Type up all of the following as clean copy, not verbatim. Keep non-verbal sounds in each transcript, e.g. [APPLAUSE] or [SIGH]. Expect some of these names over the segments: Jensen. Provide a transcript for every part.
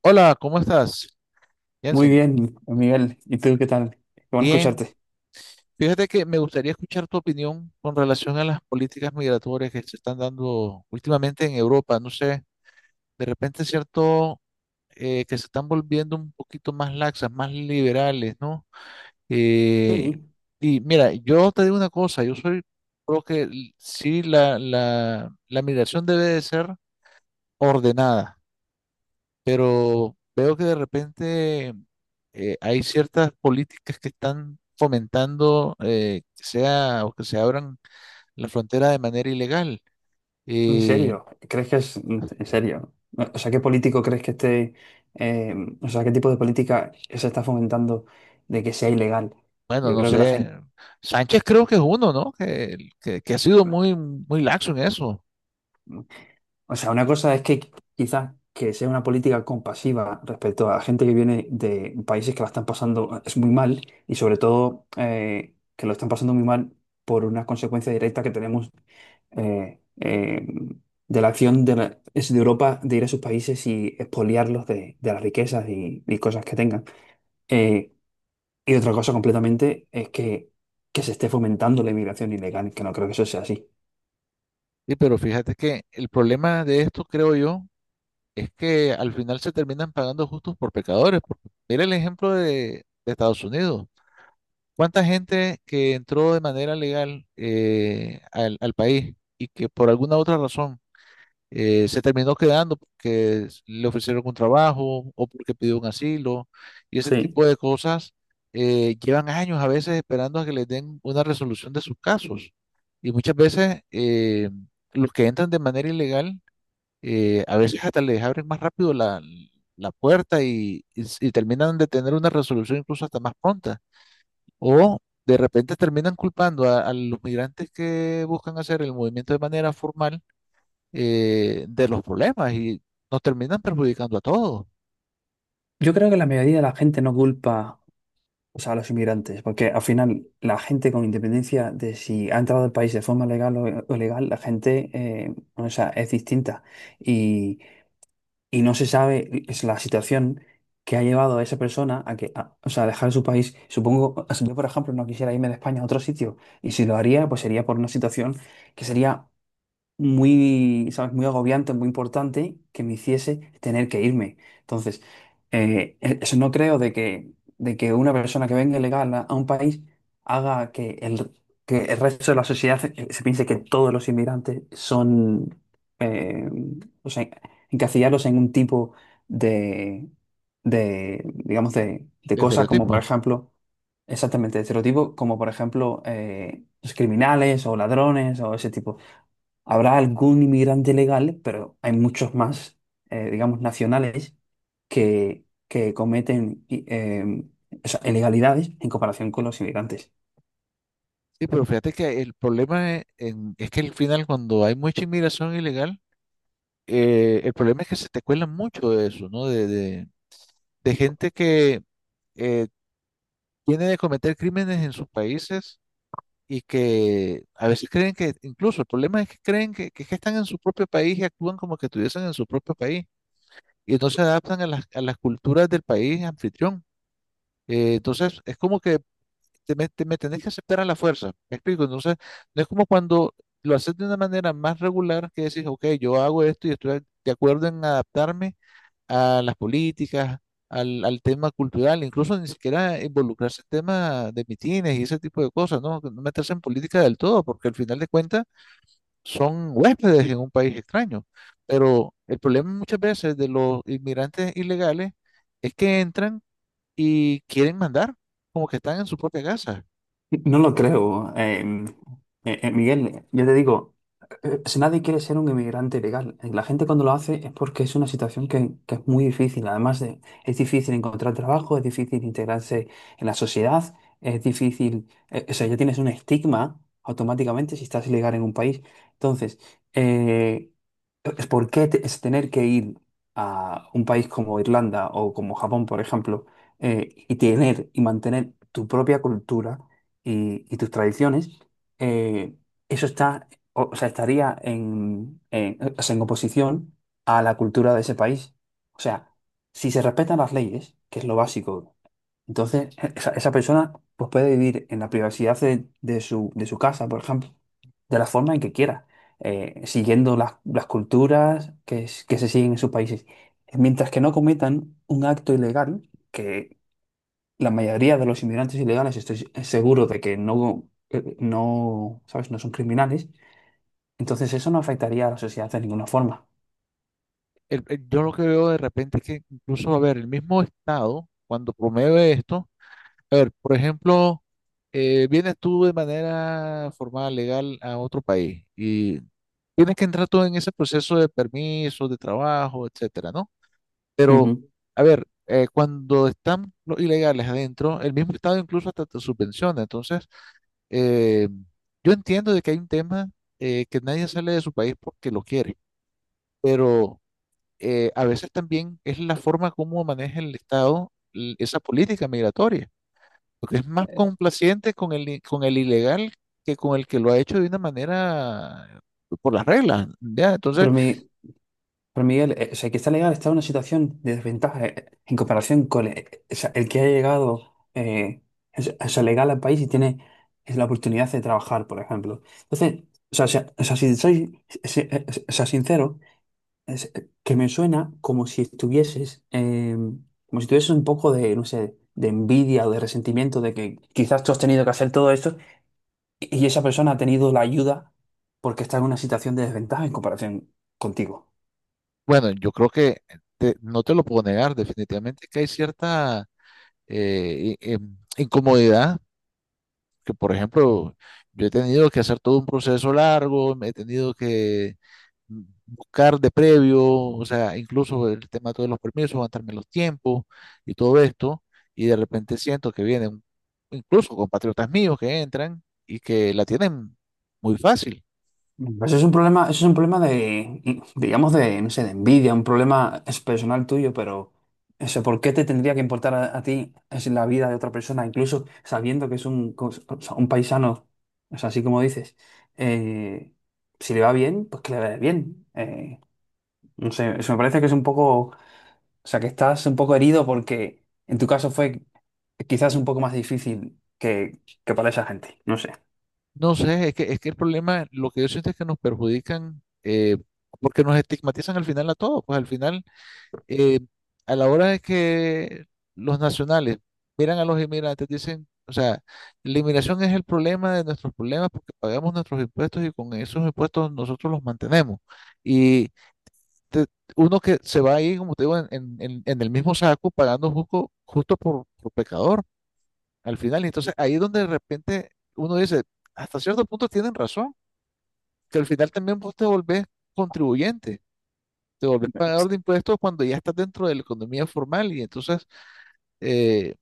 Hola, ¿cómo estás, Muy Jensen? bien, Miguel. ¿Y tú qué tal? Qué bueno Bien. escucharte. Fíjate que me gustaría escuchar tu opinión con relación a las políticas migratorias que se están dando últimamente en Europa. No sé, de repente es cierto, que se están volviendo un poquito más laxas, más liberales, ¿no? Eh, Sí, y mira, yo te digo una cosa, yo soy, creo que sí, la migración debe de ser ordenada. Pero veo que de repente hay ciertas políticas que están fomentando, que sea o que se abran la frontera de manera ilegal. en Y serio. ¿Crees que es en serio? O sea, ¿qué político crees que esté, eh, o sea, qué tipo de política se está fomentando de que sea ilegal? bueno, Yo no creo que la sé, gente, Sánchez creo que es uno, ¿no? Que ha sido muy, muy laxo en eso. o sea, una cosa es que quizás que sea una política compasiva respecto a gente que viene de países que la están pasando es muy mal y sobre todo que lo están pasando muy mal por una consecuencia directa que tenemos eh, eh, de la acción de, la- es de Europa de ir a sus países y expoliarlos de las riquezas y cosas que tengan. Eh, y otra cosa completamente es que se esté fomentando la inmigración ilegal, que no creo que eso sea así. Sí, pero fíjate que el problema de esto, creo yo, es que al final se terminan pagando justos por pecadores. Porque mira el ejemplo de Estados Unidos. ¿Cuánta gente que entró de manera legal, al país y que por alguna otra razón, se terminó quedando porque le ofrecieron un trabajo o porque pidió un asilo y ese Sí. tipo de cosas, llevan años a veces esperando a que les den una resolución de sus casos? Y muchas veces, los que entran de manera ilegal, a veces hasta les abren más rápido la, la puerta y, y terminan de tener una resolución incluso hasta más pronta. O de repente terminan culpando a los migrantes que buscan hacer el movimiento de manera formal, de los problemas y nos terminan perjudicando a todos. Yo creo que la mayoría de la gente no culpa, o sea, a los inmigrantes, porque al final la gente con independencia de si ha entrado al país de forma legal o ilegal, la gente, o sea, es distinta. Y, y no se sabe es la situación que ha llevado a esa persona a que, o sea, a dejar su país. Supongo, o sea, yo por ejemplo no quisiera irme de España a otro sitio y si lo haría, pues sería por una situación que sería muy, ¿sabes? Muy agobiante, muy importante que me hiciese tener que irme. Entonces, eso no creo de que una persona que venga ilegal a un país haga que el resto de la sociedad se, se piense que todos los inmigrantes son, eh, o sea, encasillarlos en un tipo de, de digamos, de cosas como, por Estereotipo. ejemplo, exactamente, de estereotipos como por ejemplo los criminales o ladrones o ese tipo. Habrá algún inmigrante legal, pero hay muchos más, digamos, nacionales que cometen o sea, ilegalidades en comparación con los inmigrantes. Sí, pero fíjate que el problema es que al final cuando hay mucha inmigración ilegal, el problema es que se te cuela mucho de eso, ¿no? De gente que, eh, tiene de cometer crímenes en sus países y que a veces creen que, incluso el problema es que creen que es que están en su propio país y actúan como que estuviesen en su propio país y entonces se adaptan a las culturas del país anfitrión. Entonces es como que me tenés que aceptar a la fuerza. ¿Me explico? Entonces, no es como cuando lo haces de una manera más regular que decís, ok, yo hago esto y estoy de acuerdo en adaptarme a las políticas, al tema cultural, incluso ni siquiera involucrarse en temas de mitines y ese tipo de cosas, ¿no? No meterse en política del todo, porque al final de cuentas son huéspedes en un país extraño. Pero el problema muchas veces de los inmigrantes ilegales es que entran y quieren mandar, como que están en su propia casa. No lo creo. Miguel, yo te digo, si nadie quiere ser un inmigrante legal. La gente cuando lo hace es porque es una situación que es muy difícil. Además, es difícil encontrar trabajo, es difícil integrarse en la sociedad, es difícil, o sea, ya tienes un estigma automáticamente si estás ilegal en un país. Entonces, eh, es ¿por qué es tener que ir a un país como Irlanda o como Japón, por ejemplo, y tener y mantener tu propia cultura? Y, y tus tradiciones, eh, eso está, o sea, estaría en, o sea, en oposición a la cultura de ese país. O sea, si se respetan las leyes, que es lo básico, entonces esa, esa persona pues, puede vivir en la privacidad de su casa, por ejemplo, de la forma en que quiera, siguiendo las culturas que, que se siguen en sus países. Mientras que no cometan un acto ilegal, que la mayoría de los inmigrantes ilegales estoy seguro de que no, no, ¿sabes? No son criminales. Entonces eso no afectaría a la sociedad de ninguna forma. Yo lo que veo de repente es que incluso, a ver, el mismo Estado, cuando promueve esto, a ver, por ejemplo, vienes tú de manera formal, legal, a otro país y tienes que entrar todo en ese proceso de permisos, de trabajo, etcétera, ¿no? Pero, Ujú. a ver, cuando están los ilegales adentro, el mismo Estado incluso hasta te subvenciona. Entonces, eh, yo entiendo de que hay un tema, que nadie sale de su país porque lo quiere, pero, a veces también es la forma como maneja el Estado esa política migratoria, porque es más complaciente con con el ilegal que con el que lo ha hecho de una manera por las reglas, ¿ya? Entonces, Pero, pero Miguel, o sea, el que está legal está en una situación de desventaja en comparación con o sea, el que ha llegado o sea, legal al país y tiene la oportunidad de trabajar, por ejemplo. Entonces, o sea, si soy o sea, sincero, es- que me suena como si estuvieses, como si tuvieses un poco de, no sé, de envidia o de resentimiento de que quizás tú has tenido que hacer todo esto y esa persona ha tenido la ayuda porque está en una situación de desventaja en comparación contigo. bueno, yo creo que no te lo puedo negar, definitivamente que hay cierta incomodidad, que por ejemplo, yo he tenido que hacer todo un proceso largo, me he tenido que buscar de previo, o sea, incluso el tema de todos los permisos, aguantarme los tiempos y todo esto, y de repente siento que vienen incluso compatriotas míos que entran y que la tienen muy fácil. Pues eso es un problema, eso es un problema digamos, de, no sé, de envidia, un problema es personal tuyo, pero eso, ¿por qué te tendría que importar a ti es la vida de otra persona, incluso sabiendo que es un, o sea, un paisano, o sea, así como dices, eh, si le va bien, pues que le vaya bien. No sé, eso me parece que es un poco, o sea, que estás un poco herido porque en tu caso fue quizás un poco más difícil que para esa gente, no sé. No sé, es que el problema, lo que yo siento es que nos perjudican, porque nos estigmatizan al final a todos, pues al final, eh, a la hora de que los nacionales miran a los inmigrantes, dicen, o sea, la inmigración es el problema de nuestros problemas porque pagamos nuestros impuestos y con esos impuestos nosotros los mantenemos. Y te- uno que se va ahí, como te digo, en el mismo saco, pagando justo, justo por pecador al final. Y entonces ahí es donde de repente uno dice, hasta cierto punto tienen razón, que al final también vos te volvés contribuyente. Te volvés pagador de impuestos cuando ya estás dentro de la economía formal y entonces, eh,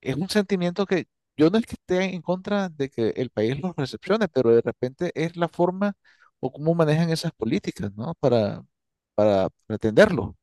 es un sentimiento que yo no es que esté en contra de que el país los recepcione, pero de repente es la forma o cómo manejan esas políticas, ¿no? Para atenderlo.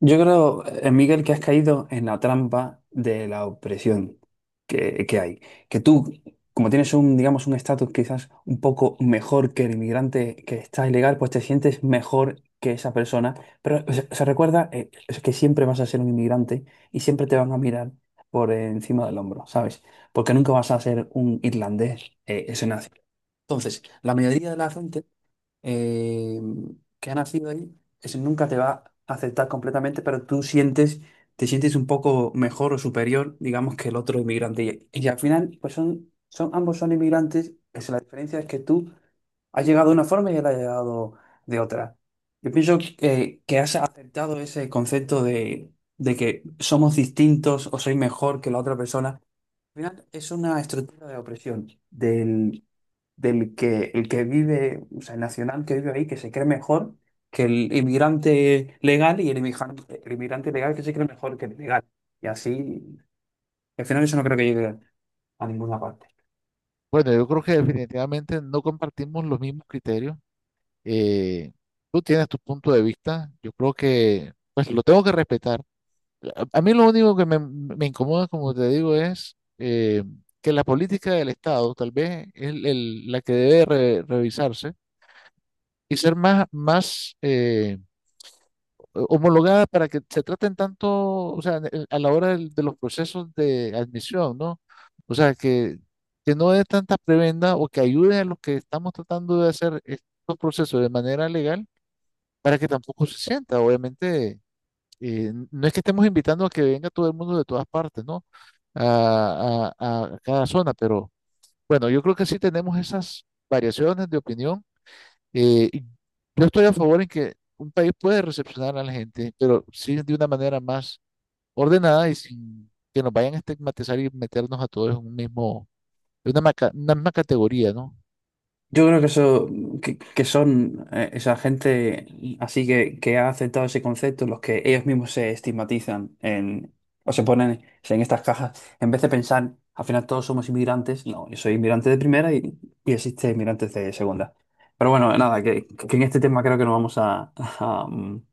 Yo creo, Miguel, que has caído en la trampa de la opresión que hay. Que tú, como tienes un, digamos, un estatus quizás un poco mejor que el inmigrante que está ilegal, pues te sientes mejor que esa persona. Pero se recuerda es que siempre vas a ser un inmigrante y siempre te van a mirar por encima del hombro, ¿sabes? Porque nunca vas a ser un irlandés ese entonces, la mayoría de la gente eh, que ha nacido ahí, ese nunca te va a aceptar completamente, pero tú sientes, te sientes un poco mejor o superior, digamos, que el otro inmigrante. Y al final, pues son, son, ambos son inmigrantes, es la diferencia es que tú has llegado de una forma y él ha llegado de otra. Yo pienso que has aceptado ese concepto de que somos distintos o soy mejor que la otra persona. Al final es una estructura de opresión del que el que vive, o sea, el nacional que vive ahí, que se cree mejor que el inmigrante legal y el inmigrante legal que se cree mejor que el legal. Y así, al final eso no creo que llegue a ninguna parte. Bueno, yo creo que definitivamente no compartimos los mismos criterios. Eh, tú tienes tu punto de vista, yo creo que pues lo tengo que respetar. A mí lo único que me incomoda, como te digo, es, que la política del Estado tal vez es la que debe revisarse y ser más, más, homologada para que se traten tanto, o sea, a la hora de los procesos de admisión, ¿no? O sea, que no dé tanta prebenda o que ayude a los que estamos tratando de hacer estos procesos de manera legal para que tampoco se sienta, obviamente, no es que estemos invitando a que venga todo el mundo de todas partes, ¿no? A cada zona, pero bueno, yo creo que sí tenemos esas variaciones de opinión, y yo estoy a favor en que un país puede recepcionar a la gente, pero sí de una manera más ordenada y sin que nos vayan a estigmatizar y meternos a todos en un mismo, en una, una misma categoría, ¿no? Yo creo que eso, que son esa gente así que ha aceptado ese concepto, los que ellos mismos se estigmatizan en, o se ponen en estas cajas, en vez de pensar, al final todos somos inmigrantes, no, yo soy inmigrante de primera y existe inmigrantes de segunda. Pero bueno, nada, que en este tema creo que no vamos a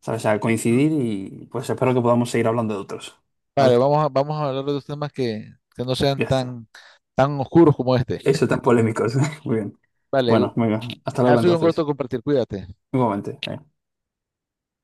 ¿sabes? A Mm. coincidir y pues espero que podamos seguir hablando de otros. Vale, ¿Vale? vamos a, vamos a hablar de los temas que no sean Ya está. tan, tan oscuros como este. Eso tan polémicos. [LAUGHS] Muy bien. Vale, Bueno, venga, hasta ha luego sido un gusto entonces. compartir, cuídate. Igualmente. Venga.